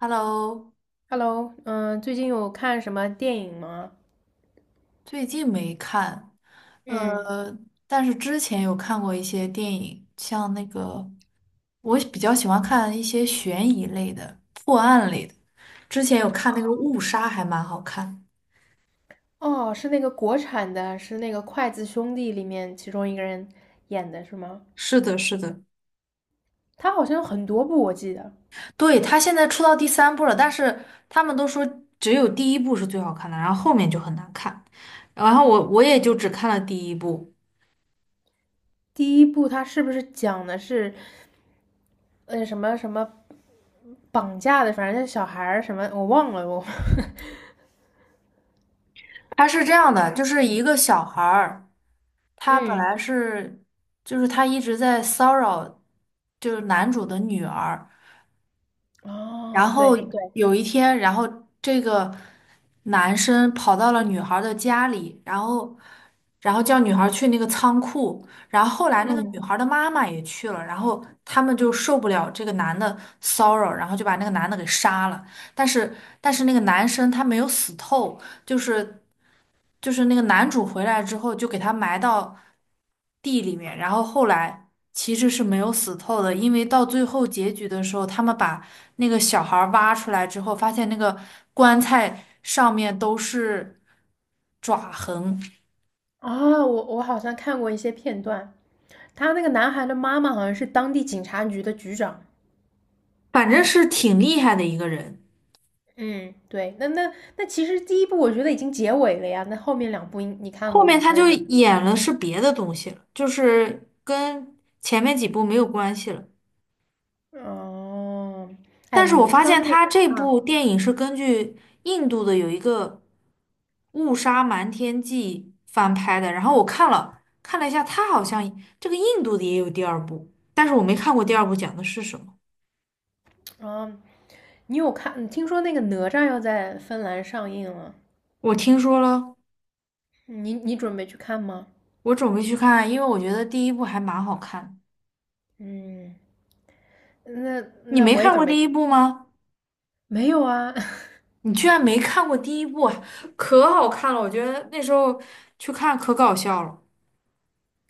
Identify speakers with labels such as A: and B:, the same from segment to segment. A: Hello，
B: Hello，嗯，最近有看什么电影吗？
A: 最近没看，
B: 嗯，
A: 呃，但是之前有看过一些电影，像那个我比较喜欢看一些悬疑类的、破案类的。之前有看那个《误杀》，还蛮好看。
B: 哦，是那个国产的，是那个筷子兄弟里面其中一个人演的，是吗？
A: 是的，是的，
B: 他好像有很多部，我记得
A: 对，它现在出到第三部了，但是他们都说只有第一部是最好看的，然后后面就很难看。然后我也就只看了第一部。
B: 第一部他是不是讲的是，什么什么绑架的，反正是小孩儿什么，我忘了我。
A: 它是这样的，就是一个小孩儿。他本来
B: 嗯，
A: 是，就是他一直在骚扰，就是男主的女儿。然
B: 哦，
A: 后
B: 对对，
A: 有一天，然后这个男生跑到了女孩儿的家里，然后叫女孩儿去那个仓库。然后后来那个
B: 嗯，
A: 女孩儿的妈妈也去了，然后他们就受不了这个男的骚扰，然后就把那个男的给杀了。但是，但是那个男生他没有死透，就是。就是那个男主回来之后就给他埋到地里面，然后后来其实是没有死透的，因为到最后结局的时候，他们把那个小孩儿挖出来之后，发现那个棺材上面都是爪痕，
B: 啊，我好像看过一些片段，他那个男孩的妈妈好像是当地警察局的局长。
A: 反正是挺厉害的一个人。
B: 嗯，对，那其实第一部我觉得已经结尾了呀，那后面两部应你看
A: 后
B: 过
A: 面
B: 吗？
A: 他
B: 他是
A: 就
B: 怎？
A: 演了是别的东西了，就是跟前面几部没有关系了。
B: 哦，哎，
A: 但是我
B: 你知
A: 发
B: 道
A: 现
B: 那个
A: 他这部电影是根据印度的有一个《误杀瞒天记》翻拍的，然后我看了一下，他好像这个印度的也有第二部，但是我没看过第二部讲的是什么。
B: 啊，啊？你有看？听说那个哪吒要在芬兰上映了，
A: 我听说了，
B: 你准备去看吗？
A: 我准备去看，因为我觉得第一部还蛮好看。
B: 嗯，那
A: 你
B: 那
A: 没
B: 我也
A: 看过
B: 准备
A: 第一
B: 去。
A: 部吗？
B: 没有啊，
A: 你居然没看过第一部啊，可好看了！我觉得那时候去看可搞笑了。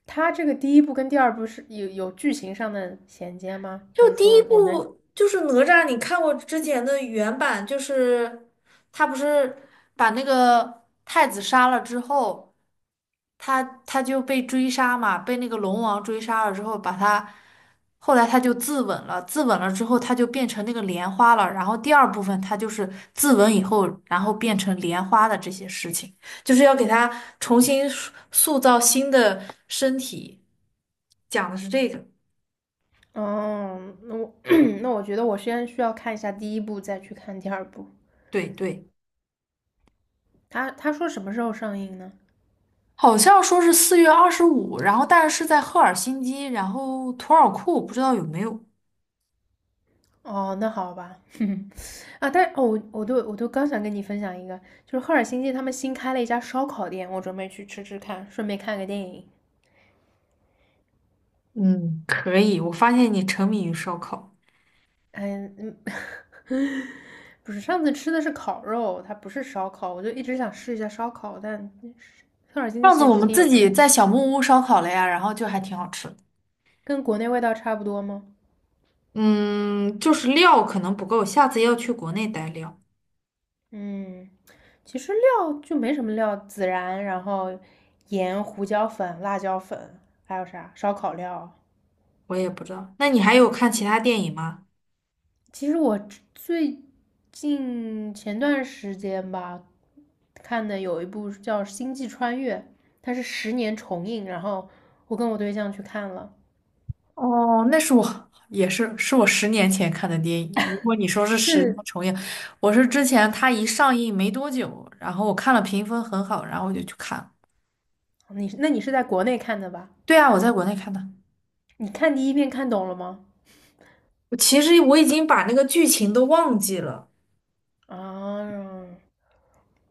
B: 他这个第一部跟第二部是有剧情上的衔接吗？
A: 就
B: 还是
A: 第一
B: 说我能？
A: 部就是哪吒，你看过之前的原版，就是他不是把那个太子杀了之后，他就被追杀嘛，被那个龙王追杀了之后，后来他就自刎了，自刎了之后他就变成那个莲花了，然后第二部分他就是自刎以后，然后变成莲花的这些事情，就是要给他重新塑造新的身体，讲的是这个，
B: 哦，那我 那我觉得我先需要看一下第一部，再去看第二部。
A: 对对。
B: 他说什么时候上映呢？
A: 好像说是4月25，然后但是是在赫尔辛基，然后图尔库，不知道有没有。
B: 哦，那好吧。啊，但哦，我都刚想跟你分享一个，就是赫尔辛基他们新开了一家烧烤店，我准备去吃吃看，顺便看个电影。
A: 嗯，可以，我发现你沉迷于烧烤。
B: 嗯嗯，不是，上次吃的是烤肉，它不是烧烤，我就一直想试一下烧烤，但赫尔辛基
A: 上次
B: 其实
A: 我
B: 之
A: 们
B: 前
A: 自
B: 有一家，
A: 己在小木屋烧烤了呀，然后就还挺好吃的。
B: 跟国内味道差不多吗？
A: 嗯，就是料可能不够，下次要去国内带料。
B: 嗯，其实料就没什么料，孜然，然后盐、胡椒粉、辣椒粉，还有啥烧烤料，
A: 我也不知道，那你还有看其他电影吗？
B: 其实我最近前段时间吧，看的有一部叫《星际穿越》，它是10年重映，然后我跟我对象去看了。
A: 哦，那是我也是我10年前看的电影。如果你说是十年
B: 是，
A: 重映，我是之前它一上映没多久，然后我看了评分很好，然后我就去看了。
B: 那你是在国内看的吧？
A: 对啊，我在国内看的。
B: 你看第一遍看懂了吗？
A: 我其实我已经把那个剧情都忘记了。
B: 啊，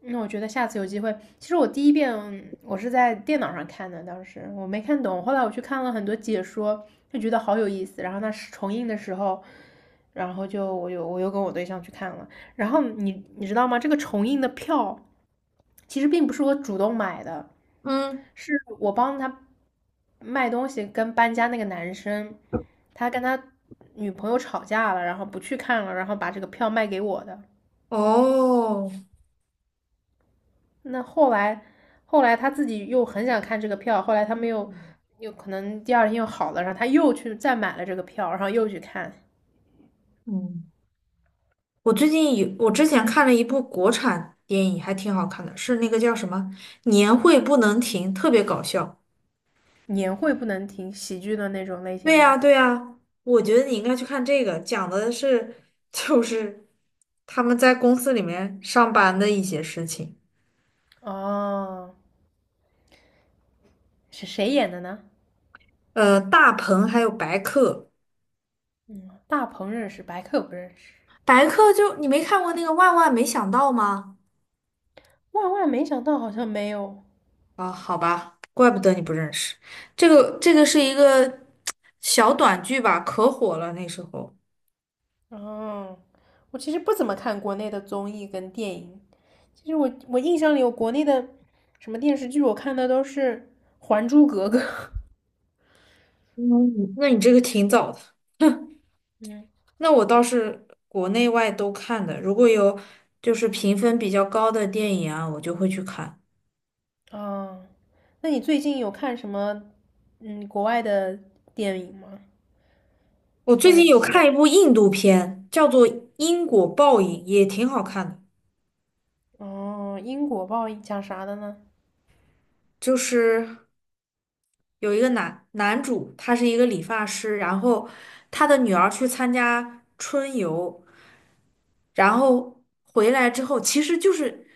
B: 那我觉得下次有机会，其实我第一遍我是在电脑上看的，当时我没看懂，后来我去看了很多解说，就觉得好有意思。然后那是重映的时候，然后就我又跟我对象去看了。然后你知道吗？这个重映的票其实并不是我主动买的，
A: 嗯，
B: 是我帮他卖东西跟搬家那个男生，他跟他女朋友吵架了，然后不去看了，然后把这个票卖给我的。
A: 哦，
B: 那后来他自己又很想看这个票，后来他们又可能第二天又好了，然后他又去再买了这个票，然后又去看
A: 嗯，我最近有，我之前看了一部国产电影，还挺好看的，是那个叫什么《年会不能停》，特别搞笑。
B: 年会不能停喜剧的那种类型
A: 对呀，
B: 吗？
A: 对呀，我觉得你应该去看这个，讲的是就是他们在公司里面上班的一些事情。
B: 哦，是谁演的呢？
A: 大鹏还有白客，
B: 大鹏认识，白客不认识。
A: 白客就你没看过那个《万万没想到》吗？
B: 万万没想到，好像没有。
A: 啊，好吧，怪不得你不认识。这个是一个小短剧吧，可火了那时候。
B: 哦，我其实不怎么看国内的综艺跟电影。其实我印象里，我国内的什么电视剧我看的都是《还珠格格》。
A: 嗯，那你这个挺早的。
B: 嗯，
A: 那我倒是国内外都看的，如果有就是评分比较高的电影啊，我就会去看。
B: 哦，那你最近有看什么国外的电影吗？
A: 我最
B: 或者
A: 近有
B: 之前
A: 看一部印度片，叫做《因果报应》，也挺好看的。
B: 哦，因果报应讲啥的呢？
A: 就是有一个男主，他是一个理发师，然后他的女儿去参加春游。然后回来之后，其实就是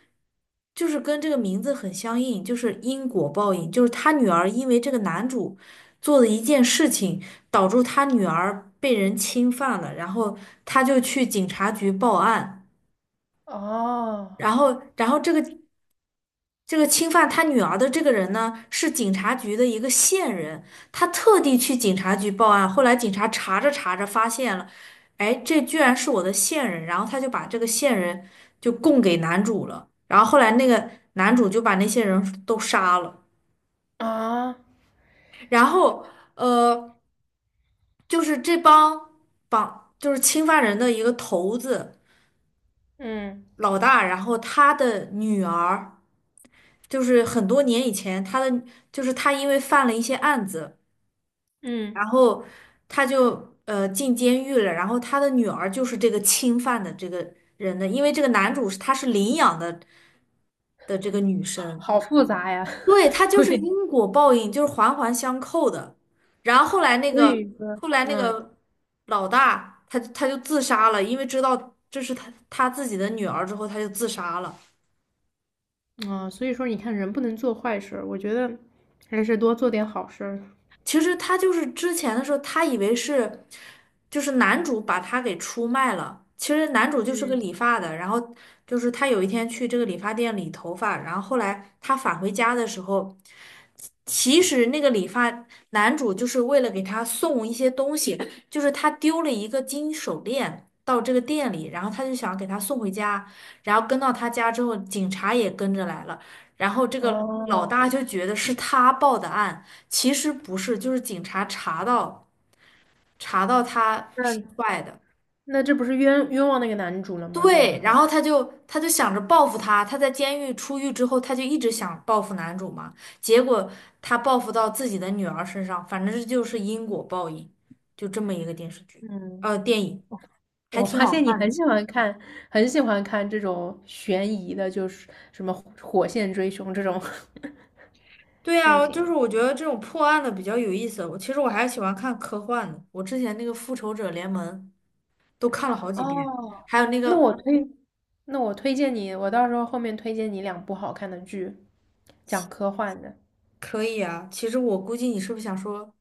A: 就是跟这个名字很相应，就是因果报应，就是他女儿因为这个男主做的一件事情，导致他女儿被人侵犯了，然后他就去警察局报案，
B: 哦
A: 然后这个侵犯他女儿的这个人呢，是警察局的一个线人，他特地去警察局报案。后来警察查着查着发现了，哎，这居然是我的线人，然后他就把这个线人就供给男主了。然后后来那个男主就把那些人都杀了。
B: 啊，
A: 然后呃，就是这帮就是侵犯人的一个头子
B: 嗯
A: 老大，然后他的女儿，就是很多年以前他的就是他因为犯了一些案子。
B: 嗯，
A: 然后他就进监狱了，然后他的女儿就是这个侵犯的这个人的，因为这个男主是他是领养的这个女生，
B: 好复杂呀，
A: 对，他 就
B: 会
A: 是
B: 得，
A: 因果报应，就是环环相扣的。然后后来那
B: 所
A: 个
B: 以说，
A: 后来那
B: 嗯
A: 个老大他就自杀了，因为知道这是他自己的女儿之后，他就自杀了。
B: 所以说你看人不能做坏事儿，我觉得还是多做点好事儿。
A: 其实他就是之前的时候，他以为是，就是男主把他给出卖了。其实男主就是个
B: 嗯，
A: 理发的，然后就是他有一天去这个理发店理头发，然后后来他返回家的时候，其实那个理发男主就是为了给他送一些东西，就是他丢了一个金手链到这个店里，然后他就想给他送回家，然后跟到他家之后，警察也跟着来了，然后这个老
B: 哦，
A: 大就觉得是他报的案。其实不是，就是警察查到他是
B: 那
A: 坏的，
B: 那这不是冤枉那个男主了吗？这样的
A: 对，然
B: 话，
A: 后他就想着报复他，他在监狱出狱之后，他就一直想报复男主嘛，结果他报复到自己的女儿身上，反正这就是因果报应，就这么一个电视剧，
B: 嗯。
A: 电影还
B: 我
A: 挺
B: 发
A: 好
B: 现你
A: 看
B: 很
A: 的。
B: 喜欢看，很喜欢看这种悬疑的，就是什么《火线追凶》这种
A: 对
B: 类
A: 啊，就
B: 型
A: 是
B: 的
A: 我觉得这种破案的比较有意思，我其实我还喜欢看科幻的，我之前那个《复仇者联盟》都看了好几遍。
B: 哦，
A: 还有那
B: 那
A: 个
B: 我推，那我推荐你，我到时候后面推荐你两部好看的剧，讲科幻的
A: 可以啊，其实我估计你是不是想说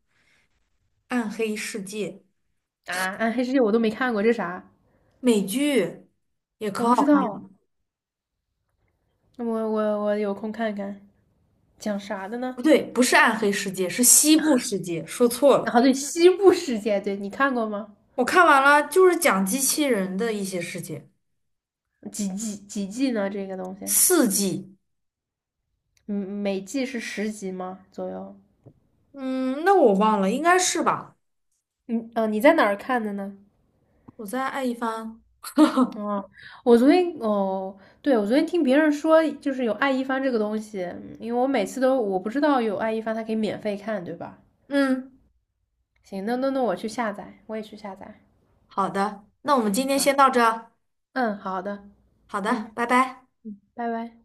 A: 暗黑世界，
B: 啊，《暗黑世界》我都没看过，这啥？
A: 美剧也
B: 我
A: 可，
B: 不知道，那我有空看看，讲啥的呢？
A: 不对，不是暗黑世界，是西部世界，说错了。
B: 啊，对，《西部世界》，对你看过吗？
A: 我看完了，就是讲机器人的一些事情，
B: 几季呢？这个东西，
A: 4季，
B: 嗯，每季是10集吗？左右？
A: 嗯，那我忘了，应该是吧？
B: 嗯，你在哪儿看的呢？
A: 我再爱一番。
B: 啊，我昨天哦，对，我昨天听别人说，就是有爱一帆这个东西，因为我每次都我不知道有爱一帆，它可以免费看，对吧？
A: 嗯，
B: 行，那我去下载，我也去下载。
A: 好的，那我们今天
B: 好，
A: 先到这儿
B: 嗯，好的，
A: 好的，
B: 嗯
A: 拜拜。
B: 嗯，拜拜。